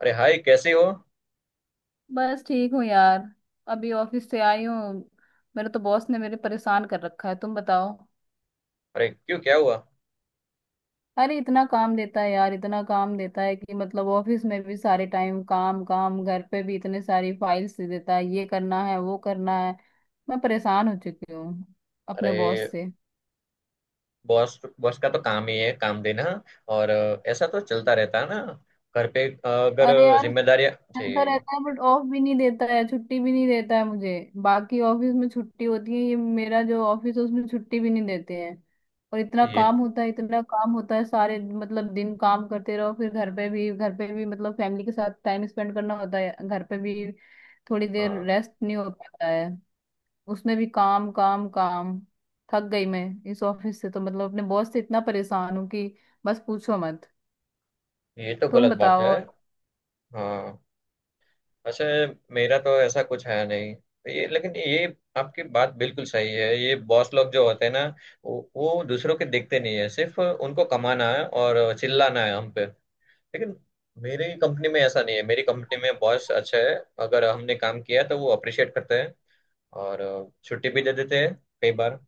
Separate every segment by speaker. Speaker 1: अरे हाय, कैसे हो?
Speaker 2: बस ठीक हूँ यार। अभी ऑफिस से आई हूँ। मेरे तो बॉस ने मेरे परेशान कर रखा है। तुम बताओ।
Speaker 1: अरे क्यों, क्या हुआ?
Speaker 2: अरे इतना काम देता है यार, इतना काम देता है कि मतलब ऑफिस में भी सारे टाइम काम काम, घर पे भी इतने सारी फाइल्स दे देता है, ये करना है वो करना है। मैं परेशान हो चुकी हूँ अपने बॉस
Speaker 1: अरे,
Speaker 2: से।
Speaker 1: बॉस बॉस का तो काम ही है काम देना। और ऐसा तो चलता रहता है ना। घर पे
Speaker 2: अरे
Speaker 1: अगर
Speaker 2: यार,
Speaker 1: जिम्मेदारियां
Speaker 2: चलता
Speaker 1: जी।
Speaker 2: रहता है बट ऑफ भी नहीं देता है, छुट्टी भी नहीं देता है मुझे। बाकी ऑफिस में छुट्टी होती है, ये मेरा जो ऑफिस है उसमें छुट्टी भी नहीं देते हैं। और इतना
Speaker 1: ये।
Speaker 2: काम होता है, इतना काम होता है, सारे मतलब दिन काम करते रहो, फिर घर पे भी, मतलब फैमिली के साथ टाइम स्पेंड करना होता है घर पे भी। थोड़ी देर
Speaker 1: हाँ।
Speaker 2: रेस्ट नहीं हो पाता है, उसमें भी काम काम काम। थक गई मैं। इस ऑफिस से तो मतलब अपने बॉस से इतना परेशान हूँ कि बस पूछो मत।
Speaker 1: ये तो
Speaker 2: तुम
Speaker 1: गलत बात है।
Speaker 2: बताओ।
Speaker 1: हाँ, वैसे मेरा तो ऐसा कुछ है नहीं, तो ये, लेकिन ये, आपकी बात बिल्कुल सही है। ये बॉस लोग जो होते हैं ना, वो दूसरों के देखते नहीं है, सिर्फ उनको कमाना है और चिल्लाना है हम पे। लेकिन मेरी कंपनी में ऐसा नहीं है। मेरी कंपनी में बॉस अच्छा है। अगर हमने काम किया तो वो अप्रिशिएट करते हैं, और छुट्टी भी दे देते हैं कई बार।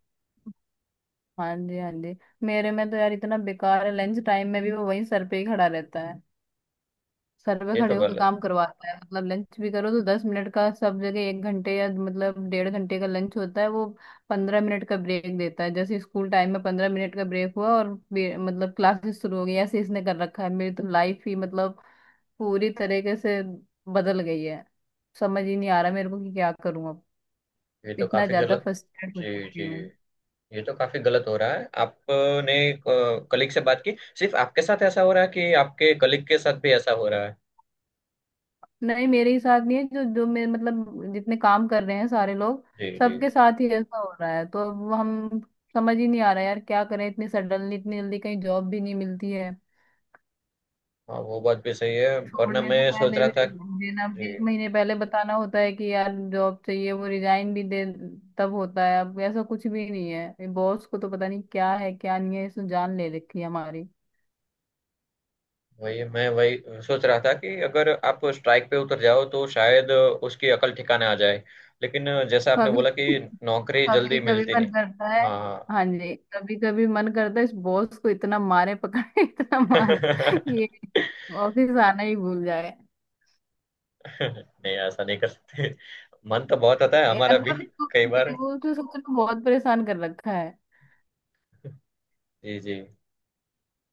Speaker 2: हाँ जी, हाँ जी। मेरे में तो यार इतना बेकार है, लंच टाइम में भी वो वहीं सर पे ही खड़ा रहता है। सर पे
Speaker 1: ये तो
Speaker 2: खड़े होके
Speaker 1: गलत।
Speaker 2: काम करवाता है, मतलब लंच भी करो तो 10 मिनट का। सब जगह 1 घंटे या मतलब डेढ़ घंटे का लंच होता है। वो 15 मिनट का ब्रेक देता है, जैसे स्कूल टाइम में 15 मिनट का ब्रेक हुआ और मतलब क्लासेस शुरू हो गई, ऐसे इसने कर रखा है। मेरी तो लाइफ ही मतलब पूरी तरीके से बदल गई है। समझ ही नहीं आ रहा मेरे को कि क्या करूं अब।
Speaker 1: ये तो
Speaker 2: इतना
Speaker 1: काफी
Speaker 2: ज्यादा
Speaker 1: गलत।
Speaker 2: फ्रस्ट्रेट हो
Speaker 1: जी जी।
Speaker 2: चुकी।
Speaker 1: ये तो काफी गलत हो रहा है। आपने कलीग से बात की? सिर्फ आपके साथ ऐसा हो रहा है, कि आपके कलीग के साथ भी ऐसा हो रहा है?
Speaker 2: नहीं, मेरे ही साथ नहीं है, जो जो मेरे मतलब जितने काम कर रहे हैं सारे लोग,
Speaker 1: जी जी।
Speaker 2: सबके साथ ही ऐसा हो रहा है। तो अब हम, समझ ही नहीं आ रहा यार क्या करें, इतनी सडनली इतनी जल्दी कहीं जॉब भी नहीं मिलती है।
Speaker 1: हाँ, वो बात भी सही है, वरना
Speaker 2: छोड़ने से
Speaker 1: मैं सोच
Speaker 2: पहले
Speaker 1: रहा
Speaker 2: भी
Speaker 1: था।
Speaker 2: देना
Speaker 1: जी।
Speaker 2: 1 महीने पहले, बताना होता है कि यार जॉब चाहिए, वो रिजाइन भी दे तब होता है। अब ऐसा कुछ भी नहीं है, बॉस को तो पता नहीं क्या है क्या नहीं है, इसने जान ले रखी है हमारी।
Speaker 1: वही मैं वही सोच रहा था कि अगर आप स्ट्राइक पे उतर जाओ तो शायद उसकी अकल ठिकाने आ जाए। लेकिन जैसा आपने
Speaker 2: अभी
Speaker 1: बोला कि नौकरी
Speaker 2: कभी
Speaker 1: जल्दी
Speaker 2: कभी
Speaker 1: मिलती
Speaker 2: मन
Speaker 1: नहीं।
Speaker 2: करता है।
Speaker 1: हाँ।
Speaker 2: हाँ जी, कभी कभी मन करता है इस बॉस को इतना मारे, पकड़े इतना मारे कि ये
Speaker 1: नहीं,
Speaker 2: ऑफिस आना ही भूल जाए।
Speaker 1: ऐसा नहीं कर सकते। मन तो बहुत होता है
Speaker 2: यार
Speaker 1: हमारा भी,
Speaker 2: पर उसको,
Speaker 1: कई बार।
Speaker 2: वो तो सच में बहुत परेशान कर रखा है।
Speaker 1: जी जी।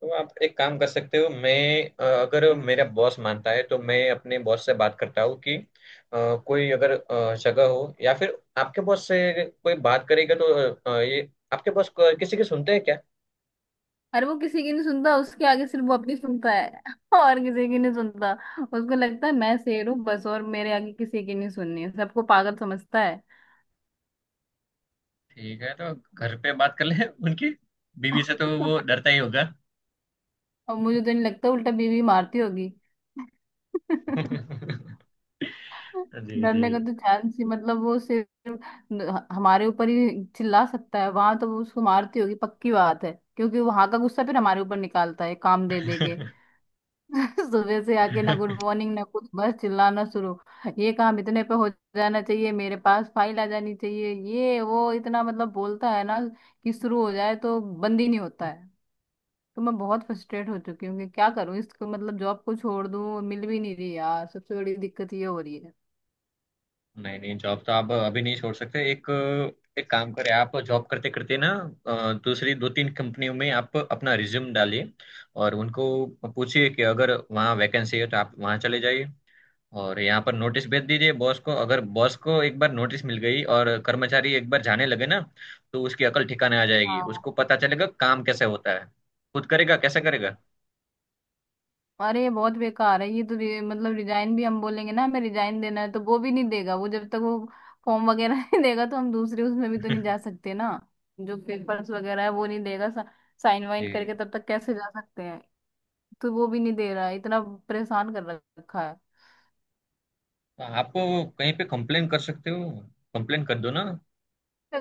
Speaker 1: तो आप एक काम कर सकते हो। मैं, अगर मेरा बॉस मानता है तो मैं अपने बॉस से बात करता हूँ कि कोई अगर जगह हो, या फिर आपके बॉस से कोई बात करेगा तो ये आपके किसी की सुनते हैं क्या?
Speaker 2: अरे वो किसी की नहीं सुनता, उसके आगे सिर्फ वो अपनी सुनता है और किसी की नहीं सुनता। उसको लगता है मैं शेर हूँ बस, और मेरे आगे किसी की नहीं सुननी है, सबको पागल समझता है।
Speaker 1: ठीक है, तो घर पे बात कर ले उनकी बीवी से, तो वो डरता ही होगा।
Speaker 2: और मुझे तो नहीं लगता, उल्टा बीवी मारती होगी।
Speaker 1: जी जी।
Speaker 2: डरने का तो चांस ही, मतलब वो सिर्फ हमारे ऊपर ही चिल्ला सकता है, वहां तो वो उसको मारती होगी पक्की बात है, क्योंकि वहां का गुस्सा फिर हमारे ऊपर निकालता है काम दे दे के। सुबह से आके ना गुड मॉर्निंग ना कुछ, बस चिल्लाना शुरू। ये काम इतने पे हो जाना चाहिए, मेरे पास फाइल आ जानी चाहिए, ये वो, इतना मतलब बोलता है ना कि शुरू हो जाए तो बंद ही नहीं होता है। तो मैं बहुत फ्रस्ट्रेट हो चुकी हूँ कि क्या करूँ। इसको मतलब जॉब को छोड़ दूँ, मिल भी नहीं रही यार, सबसे बड़ी दिक्कत ये हो रही
Speaker 1: नहीं नहीं, जॉब तो आप अभी नहीं छोड़ सकते। एक एक काम करें, आप जॉब करते करते ना दूसरी दो तीन कंपनियों में आप अपना रिज्यूम डालिए, और उनको पूछिए कि अगर वहाँ वैकेंसी है तो आप वहाँ चले जाइए। और यहाँ पर नोटिस भेज दीजिए बॉस को। अगर बॉस को एक बार नोटिस मिल गई और कर्मचारी एक बार जाने लगे ना, तो उसकी अकल ठिकाने आ जाएगी। उसको
Speaker 2: है।
Speaker 1: पता चलेगा काम कैसे होता है, खुद करेगा, कैसे करेगा।
Speaker 2: अरे बहुत बेकार है ये तो, मतलब रिजाइन भी हम बोलेंगे ना, हमें रिजाइन देना है तो वो भी नहीं देगा। वो जब तक वो फॉर्म वगैरह नहीं देगा तो हम दूसरे उसमें भी तो नहीं जा सकते ना। जो पेपर्स वगैरह है वो नहीं देगा, साइन वाइन
Speaker 1: जी।
Speaker 2: करके तब तक कैसे जा सकते हैं। तो वो भी नहीं दे रहा है, इतना परेशान कर रखा है।
Speaker 1: तो आप कहीं पे कंप्लेन कर सकते हो, कंप्लेन कर दो ना।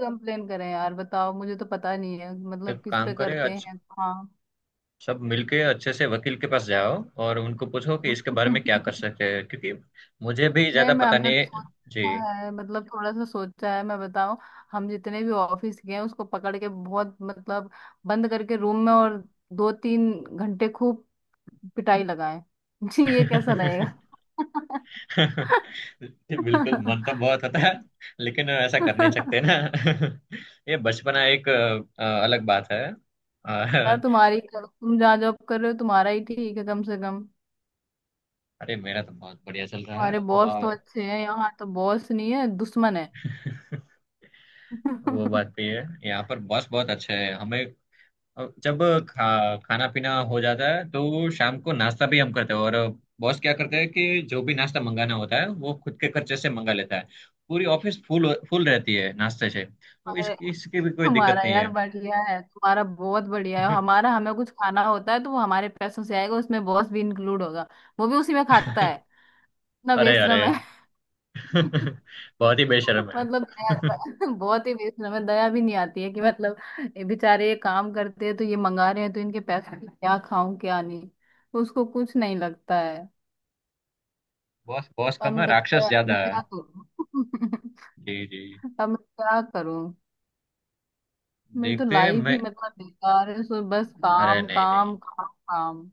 Speaker 2: कंप्लेन करें यार, बताओ, मुझे तो पता नहीं है मतलब
Speaker 1: एक
Speaker 2: किस
Speaker 1: काम
Speaker 2: पे
Speaker 1: करें,
Speaker 2: करते
Speaker 1: अच्छा,
Speaker 2: हैं। हाँ।
Speaker 1: सब मिलके अच्छे से वकील के पास जाओ, और उनको पूछो कि इसके बारे में क्या कर सकते हैं, क्योंकि मुझे भी
Speaker 2: नहीं
Speaker 1: ज्यादा
Speaker 2: मैम
Speaker 1: पता
Speaker 2: ने
Speaker 1: नहीं
Speaker 2: तो
Speaker 1: है। जी।
Speaker 2: सोचा है, मतलब थोड़ा सा सोचा है, मैं बताऊं। हम जितने भी ऑफिस गए हैं उसको पकड़ के, बहुत मतलब बंद करके रूम में, और 2 3 घंटे खूब पिटाई लगाए। जी ये कैसा रहेगा?
Speaker 1: बिल्कुल, मन तो बहुत होता है, लेकिन ऐसा कर नहीं सकते ना। ये बचपना एक अलग बात है।
Speaker 2: यार
Speaker 1: अ,
Speaker 2: तुम्हारी करो, तुम जहाँ जॉब कर रहे हो तुम्हारा ही ठीक है कम से कम।
Speaker 1: अरे, मेरा तो बहुत बढ़िया चल रहा है।
Speaker 2: हमारे बॉस तो
Speaker 1: और
Speaker 2: अच्छे हैं, यहाँ तो बॉस नहीं है दुश्मन है।
Speaker 1: वो बात भी है, यहाँ पर बॉस बहुत अच्छे हैं हमें। अब जब खाना पीना हो जाता है तो शाम को नाश्ता भी हम करते हैं, और बॉस क्या करते हैं कि जो भी नाश्ता मंगाना होता है वो खुद के खर्चे से मंगा लेता है। पूरी ऑफिस फुल फुल रहती है नाश्ते से। तो इस
Speaker 2: हमारे,
Speaker 1: इसकी भी कोई दिक्कत
Speaker 2: तुम्हारा
Speaker 1: नहीं
Speaker 2: यार
Speaker 1: है।
Speaker 2: बढ़िया है, तुम्हारा बहुत बढ़िया है। हमारा, हमें कुछ खाना होता है तो वो हमारे पैसों से आएगा, उसमें बॉस भी इंक्लूड होगा। वो भी उसी में खाता है। इतना
Speaker 1: अरे अरे।
Speaker 2: बेशरम है।
Speaker 1: बहुत ही बेशर्म है।
Speaker 2: मतलब बहुत ही बेशरम है, दया भी नहीं आती है कि मतलब ये बेचारे ये काम करते हैं, तो ये मंगा रहे हैं तो इनके पैसों से क्या खाऊं क्या नहीं, उसको कुछ नहीं लगता है।
Speaker 1: बॉस बॉस कम
Speaker 2: अब
Speaker 1: है,
Speaker 2: बताओ
Speaker 1: राक्षस
Speaker 2: यार,
Speaker 1: ज्यादा
Speaker 2: मैं
Speaker 1: है।
Speaker 2: क्या करूं?
Speaker 1: जी जी।
Speaker 2: अब मैं क्या करूं। मेरी तो
Speaker 1: देखते हैं।
Speaker 2: लाइफ ही
Speaker 1: मैं,
Speaker 2: मतलब बेकार है, सो बस
Speaker 1: अरे
Speaker 2: काम
Speaker 1: नहीं नहीं,
Speaker 2: काम काम काम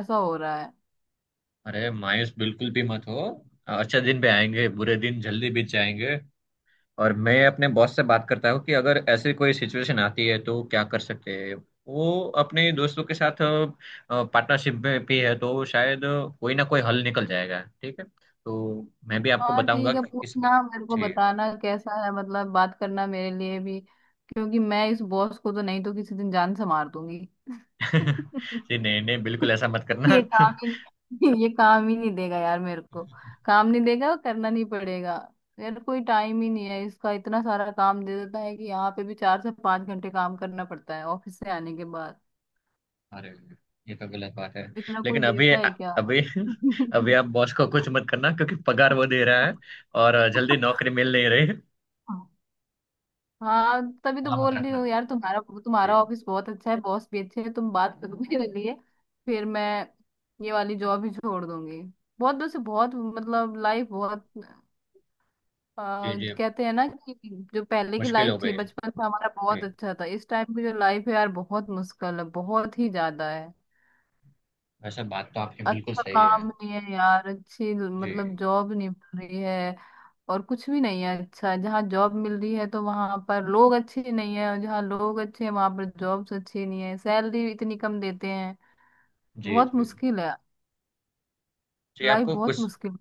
Speaker 2: ऐसा हो रहा है।
Speaker 1: अरे मायूस बिल्कुल भी मत हो। अच्छा दिन पे आएंगे, बुरे दिन जल्दी बीत जाएंगे। और मैं अपने बॉस से बात करता हूँ कि अगर ऐसी कोई सिचुएशन आती है तो क्या कर सकते हैं। वो अपने दोस्तों के साथ पार्टनरशिप में भी है, तो शायद कोई ना कोई हल निकल जाएगा। ठीक है, तो मैं भी आपको
Speaker 2: हाँ
Speaker 1: बताऊंगा
Speaker 2: ठीक है,
Speaker 1: कि किस।
Speaker 2: पूछना, मेरे को
Speaker 1: जी।
Speaker 2: बताना कैसा है, मतलब बात करना मेरे लिए भी, क्योंकि मैं इस बॉस को तो नहीं तो किसी दिन जान से मार दूंगी।
Speaker 1: जी, नहीं नहीं, बिल्कुल ऐसा मत करना।
Speaker 2: ये काम ही नहीं देगा यार मेरे को, काम नहीं देगा और करना नहीं पड़ेगा। यार कोई टाइम ही नहीं है, इसका इतना सारा काम दे देता है कि यहाँ पे भी 4 से 5 घंटे काम करना पड़ता है ऑफिस से आने के बाद।
Speaker 1: अरे, ये तो गलत बात है।
Speaker 2: इतना कोई
Speaker 1: लेकिन अभी,
Speaker 2: देता है क्या?
Speaker 1: अभी अभी आप बॉस को कुछ मत करना, क्योंकि पगार वो दे रहा है, और जल्दी नौकरी मिल नहीं रही।
Speaker 2: हाँ तभी तो
Speaker 1: सलामत
Speaker 2: बोल रही
Speaker 1: रखना।
Speaker 2: हूँ यार, तुम्हारा
Speaker 1: जी
Speaker 2: तुम्हारा ऑफिस बहुत अच्छा है, बॉस भी अच्छे हैं, तुम बात करो मेरे लिए, फिर मैं ये वाली जॉब ही छोड़ दूंगी। बहुत वैसे बहुत मतलब लाइफ बहुत,
Speaker 1: जी। जी,
Speaker 2: कहते हैं ना कि जो पहले की
Speaker 1: मुश्किल हो
Speaker 2: लाइफ
Speaker 1: गई
Speaker 2: थी
Speaker 1: है।
Speaker 2: बचपन में हमारा बहुत
Speaker 1: जी।
Speaker 2: अच्छा था, इस टाइम की जो लाइफ है यार बहुत मुश्किल है, बहुत ही ज्यादा है।
Speaker 1: वैसे बात तो आपकी बिल्कुल
Speaker 2: अच्छा
Speaker 1: सही है।
Speaker 2: काम नहीं है यार, अच्छी
Speaker 1: जी
Speaker 2: मतलब जॉब नहीं मिल रही है और कुछ भी नहीं है अच्छा। जहाँ जॉब मिल रही है तो वहां पर लोग अच्छे नहीं है, और जहाँ लोग अच्छे हैं वहां पर जॉब्स अच्छी नहीं है, सैलरी इतनी कम देते हैं।
Speaker 1: जी।
Speaker 2: बहुत
Speaker 1: जी
Speaker 2: मुश्किल है,
Speaker 1: जी।
Speaker 2: लाइफ
Speaker 1: आपको
Speaker 2: बहुत
Speaker 1: कुछ,
Speaker 2: मुश्किल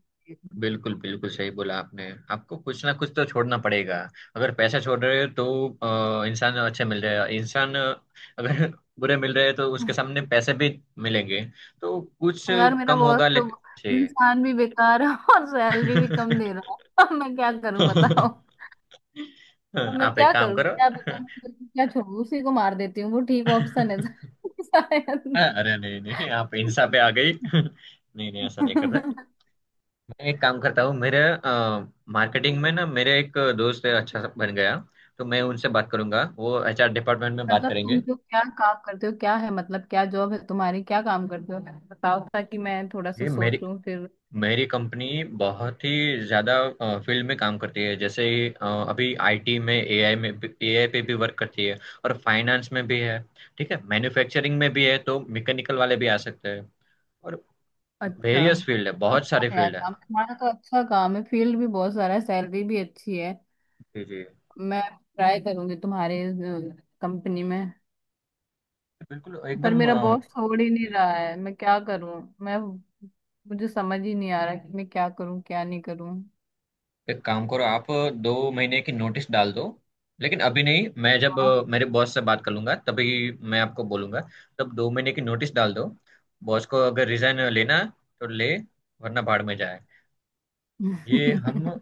Speaker 1: बिल्कुल बिल्कुल सही बोला आपने, आपको कुछ ना कुछ तो छोड़ना पड़ेगा। अगर पैसा छोड़ रहे हो तो इंसान अच्छे मिल रहे हैं। इंसान, अगर बुरे मिल रहे हैं तो उसके सामने पैसे भी मिलेंगे। तो कुछ
Speaker 2: है। यार मेरा
Speaker 1: कम
Speaker 2: बॉस
Speaker 1: होगा,
Speaker 2: तो
Speaker 1: लेकिन जी।
Speaker 2: इंसान भी बेकार है और सैलरी भी कम दे रहा है, अब मैं क्या करूं बताओ। अब मैं
Speaker 1: आप एक
Speaker 2: क्या
Speaker 1: काम
Speaker 2: करूं,
Speaker 1: करो।
Speaker 2: क्या बेकार करूं, क्या छोड़ू, उसी को मार देती हूँ वो ठीक ऑप्शन है शायद।
Speaker 1: अरे नहीं नहीं, आप इंसान पे आ गई। नहीं नहीं, ऐसा नहीं करते। एक काम करता हूँ। मेरे मार्केटिंग में ना मेरे एक दोस्त है, अच्छा सा बन गया, तो मैं उनसे बात करूंगा, वो एचआर डिपार्टमेंट में बात
Speaker 2: मतलब तुम
Speaker 1: करेंगे।
Speaker 2: लोग क्या काम करते हो, क्या है मतलब क्या जॉब है तुम्हारी, क्या काम करते हो बताओ, ताकि मैं थोड़ा सा
Speaker 1: ये मेरी
Speaker 2: सोचूं फिर।
Speaker 1: मेरी कंपनी बहुत ही ज्यादा फील्ड में काम करती है, जैसे ही, अभी आईटी में, एआई में, एआई पे भी वर्क करती है। और फाइनेंस में भी है, ठीक है, मैन्युफैक्चरिंग में भी है, तो मैकेनिकल वाले भी आ सकते हैं, और
Speaker 2: अच्छा,
Speaker 1: वेरियस फील्ड है, बहुत
Speaker 2: अच्छा
Speaker 1: सारे
Speaker 2: है यार
Speaker 1: फील्ड है।
Speaker 2: काम, तुम्हारा तो अच्छा काम है, फील्ड भी बहुत सारा है, सैलरी भी अच्छी है।
Speaker 1: जी जी।
Speaker 2: मैं ट्राई करूंगी तुम्हारे कंपनी में,
Speaker 1: बिल्कुल
Speaker 2: पर
Speaker 1: एकदम। अ,
Speaker 2: मेरा बॉस छोड़ ही नहीं रहा है, मैं क्या करूं? मैं, मुझे समझ ही नहीं आ रहा कि मैं क्या करूं क्या नहीं करूं।
Speaker 1: एक काम करो आप, दो महीने की नोटिस डाल दो, लेकिन अभी नहीं, मैं जब
Speaker 2: हाँ।
Speaker 1: मेरे बॉस से बात कर लूंगा तभी मैं आपको बोलूंगा। तब दो महीने की नोटिस डाल दो। बॉस को अगर रिजाइन लेना है, तो ले, वरना भाड़ में जाए। ये हम,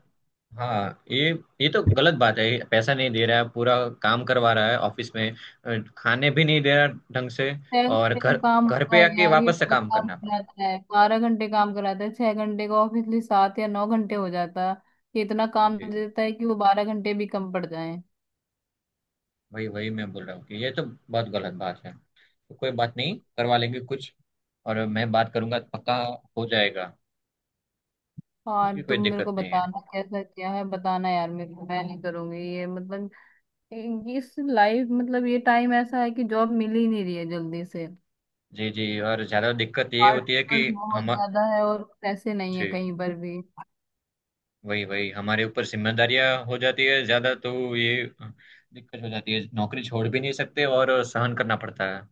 Speaker 1: हाँ ये तो गलत बात है। पैसा नहीं दे रहा है पूरा, काम करवा रहा है ऑफिस में, खाने भी नहीं दे रहा ढंग से,
Speaker 2: छह
Speaker 1: और
Speaker 2: घंटे का
Speaker 1: घर
Speaker 2: काम
Speaker 1: घर
Speaker 2: होता
Speaker 1: पे
Speaker 2: है
Speaker 1: आके
Speaker 2: यार, ये
Speaker 1: वापस से
Speaker 2: डबल
Speaker 1: काम
Speaker 2: काम
Speaker 1: करना पड़ा।
Speaker 2: कराता है, 12 घंटे काम कराता है। 6 घंटे का ऑफिसली 7 या 9 घंटे हो जाता है। ये इतना काम
Speaker 1: जी।
Speaker 2: दे देता है कि वो 12 घंटे भी कम पड़ जाए।
Speaker 1: वही वही मैं बोल रहा हूँ कि ये तो बहुत गलत बात है। तो कोई बात नहीं, करवा लेंगे कुछ, और मैं बात करूंगा तो पक्का हो जाएगा।
Speaker 2: और
Speaker 1: उसकी कोई
Speaker 2: तुम मेरे
Speaker 1: दिक्कत
Speaker 2: को
Speaker 1: नहीं है।
Speaker 2: बताना कैसा क्या है, बताना यार मेरे को, मैं नहीं करूंगी ये मतलब इस लाइफ, मतलब ये टाइम ऐसा है कि जॉब मिल ही नहीं रही है जल्दी से।
Speaker 1: जी जी। और ज़्यादा दिक्कत ये
Speaker 2: हार्ड
Speaker 1: होती है कि
Speaker 2: वर्क बहुत
Speaker 1: हम,
Speaker 2: ज्यादा है, और पैसे नहीं है
Speaker 1: जी,
Speaker 2: कहीं पर भी।
Speaker 1: वही वही हमारे ऊपर जिम्मेदारियां हो जाती है ज़्यादा, तो ये दिक्कत हो जाती है, नौकरी छोड़ भी नहीं सकते, और सहन करना पड़ता है।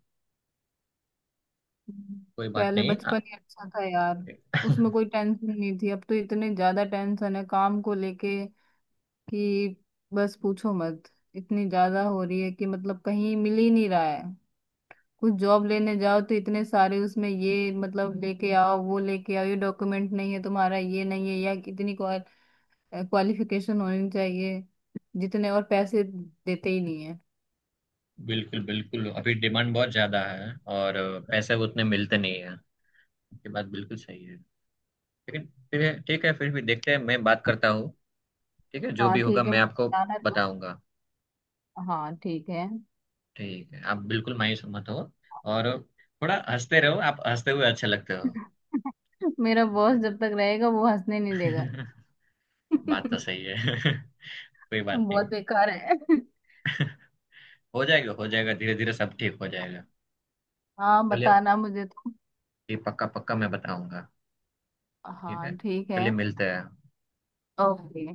Speaker 1: कोई बात
Speaker 2: पहले
Speaker 1: नहीं
Speaker 2: बचपन ही अच्छा था यार, उसमें कोई टेंशन नहीं थी। अब तो इतने ज्यादा टेंशन है काम को लेके कि बस पूछो मत। इतनी ज्यादा हो रही है कि मतलब कहीं मिल ही नहीं रहा है। कुछ जॉब लेने जाओ तो इतने सारे उसमें ये मतलब लेके आओ वो लेके आओ, ये डॉक्यूमेंट नहीं है तुम्हारा ये नहीं है, या कितनी क्वालिफिकेशन होनी चाहिए, जितने और पैसे देते ही नहीं है।
Speaker 1: बिल्कुल बिल्कुल, अभी डिमांड बहुत ज़्यादा है, और पैसे उतने मिलते नहीं है। ये बात बिल्कुल सही है। लेकिन फिर ठीक है, फिर भी देखते हैं, मैं बात करता हूँ। ठीक है, जो
Speaker 2: हाँ
Speaker 1: भी होगा
Speaker 2: ठीक है,
Speaker 1: मैं
Speaker 2: मुझे
Speaker 1: आपको
Speaker 2: जाना है तो।
Speaker 1: बताऊंगा।
Speaker 2: हाँ ठीक है।
Speaker 1: ठीक है, आप बिल्कुल मायूस मत हो, और थोड़ा हंसते रहो, आप हंसते हुए अच्छे लगते हो।
Speaker 2: मेरा
Speaker 1: ठीक
Speaker 2: बॉस
Speaker 1: है।
Speaker 2: जब तक रहेगा वो हंसने नहीं देगा।
Speaker 1: बात तो सही है। कोई बात
Speaker 2: बहुत
Speaker 1: नहीं,
Speaker 2: बेकार है।
Speaker 1: हो जाएगा हो जाएगा, धीरे धीरे सब ठीक हो जाएगा।
Speaker 2: हाँ
Speaker 1: चलिए,
Speaker 2: बताना मुझे तो।
Speaker 1: ये पक्का पक्का मैं बताऊंगा। ठीक है,
Speaker 2: हाँ ठीक है।
Speaker 1: चलिए, मिलते हैं।
Speaker 2: ओके।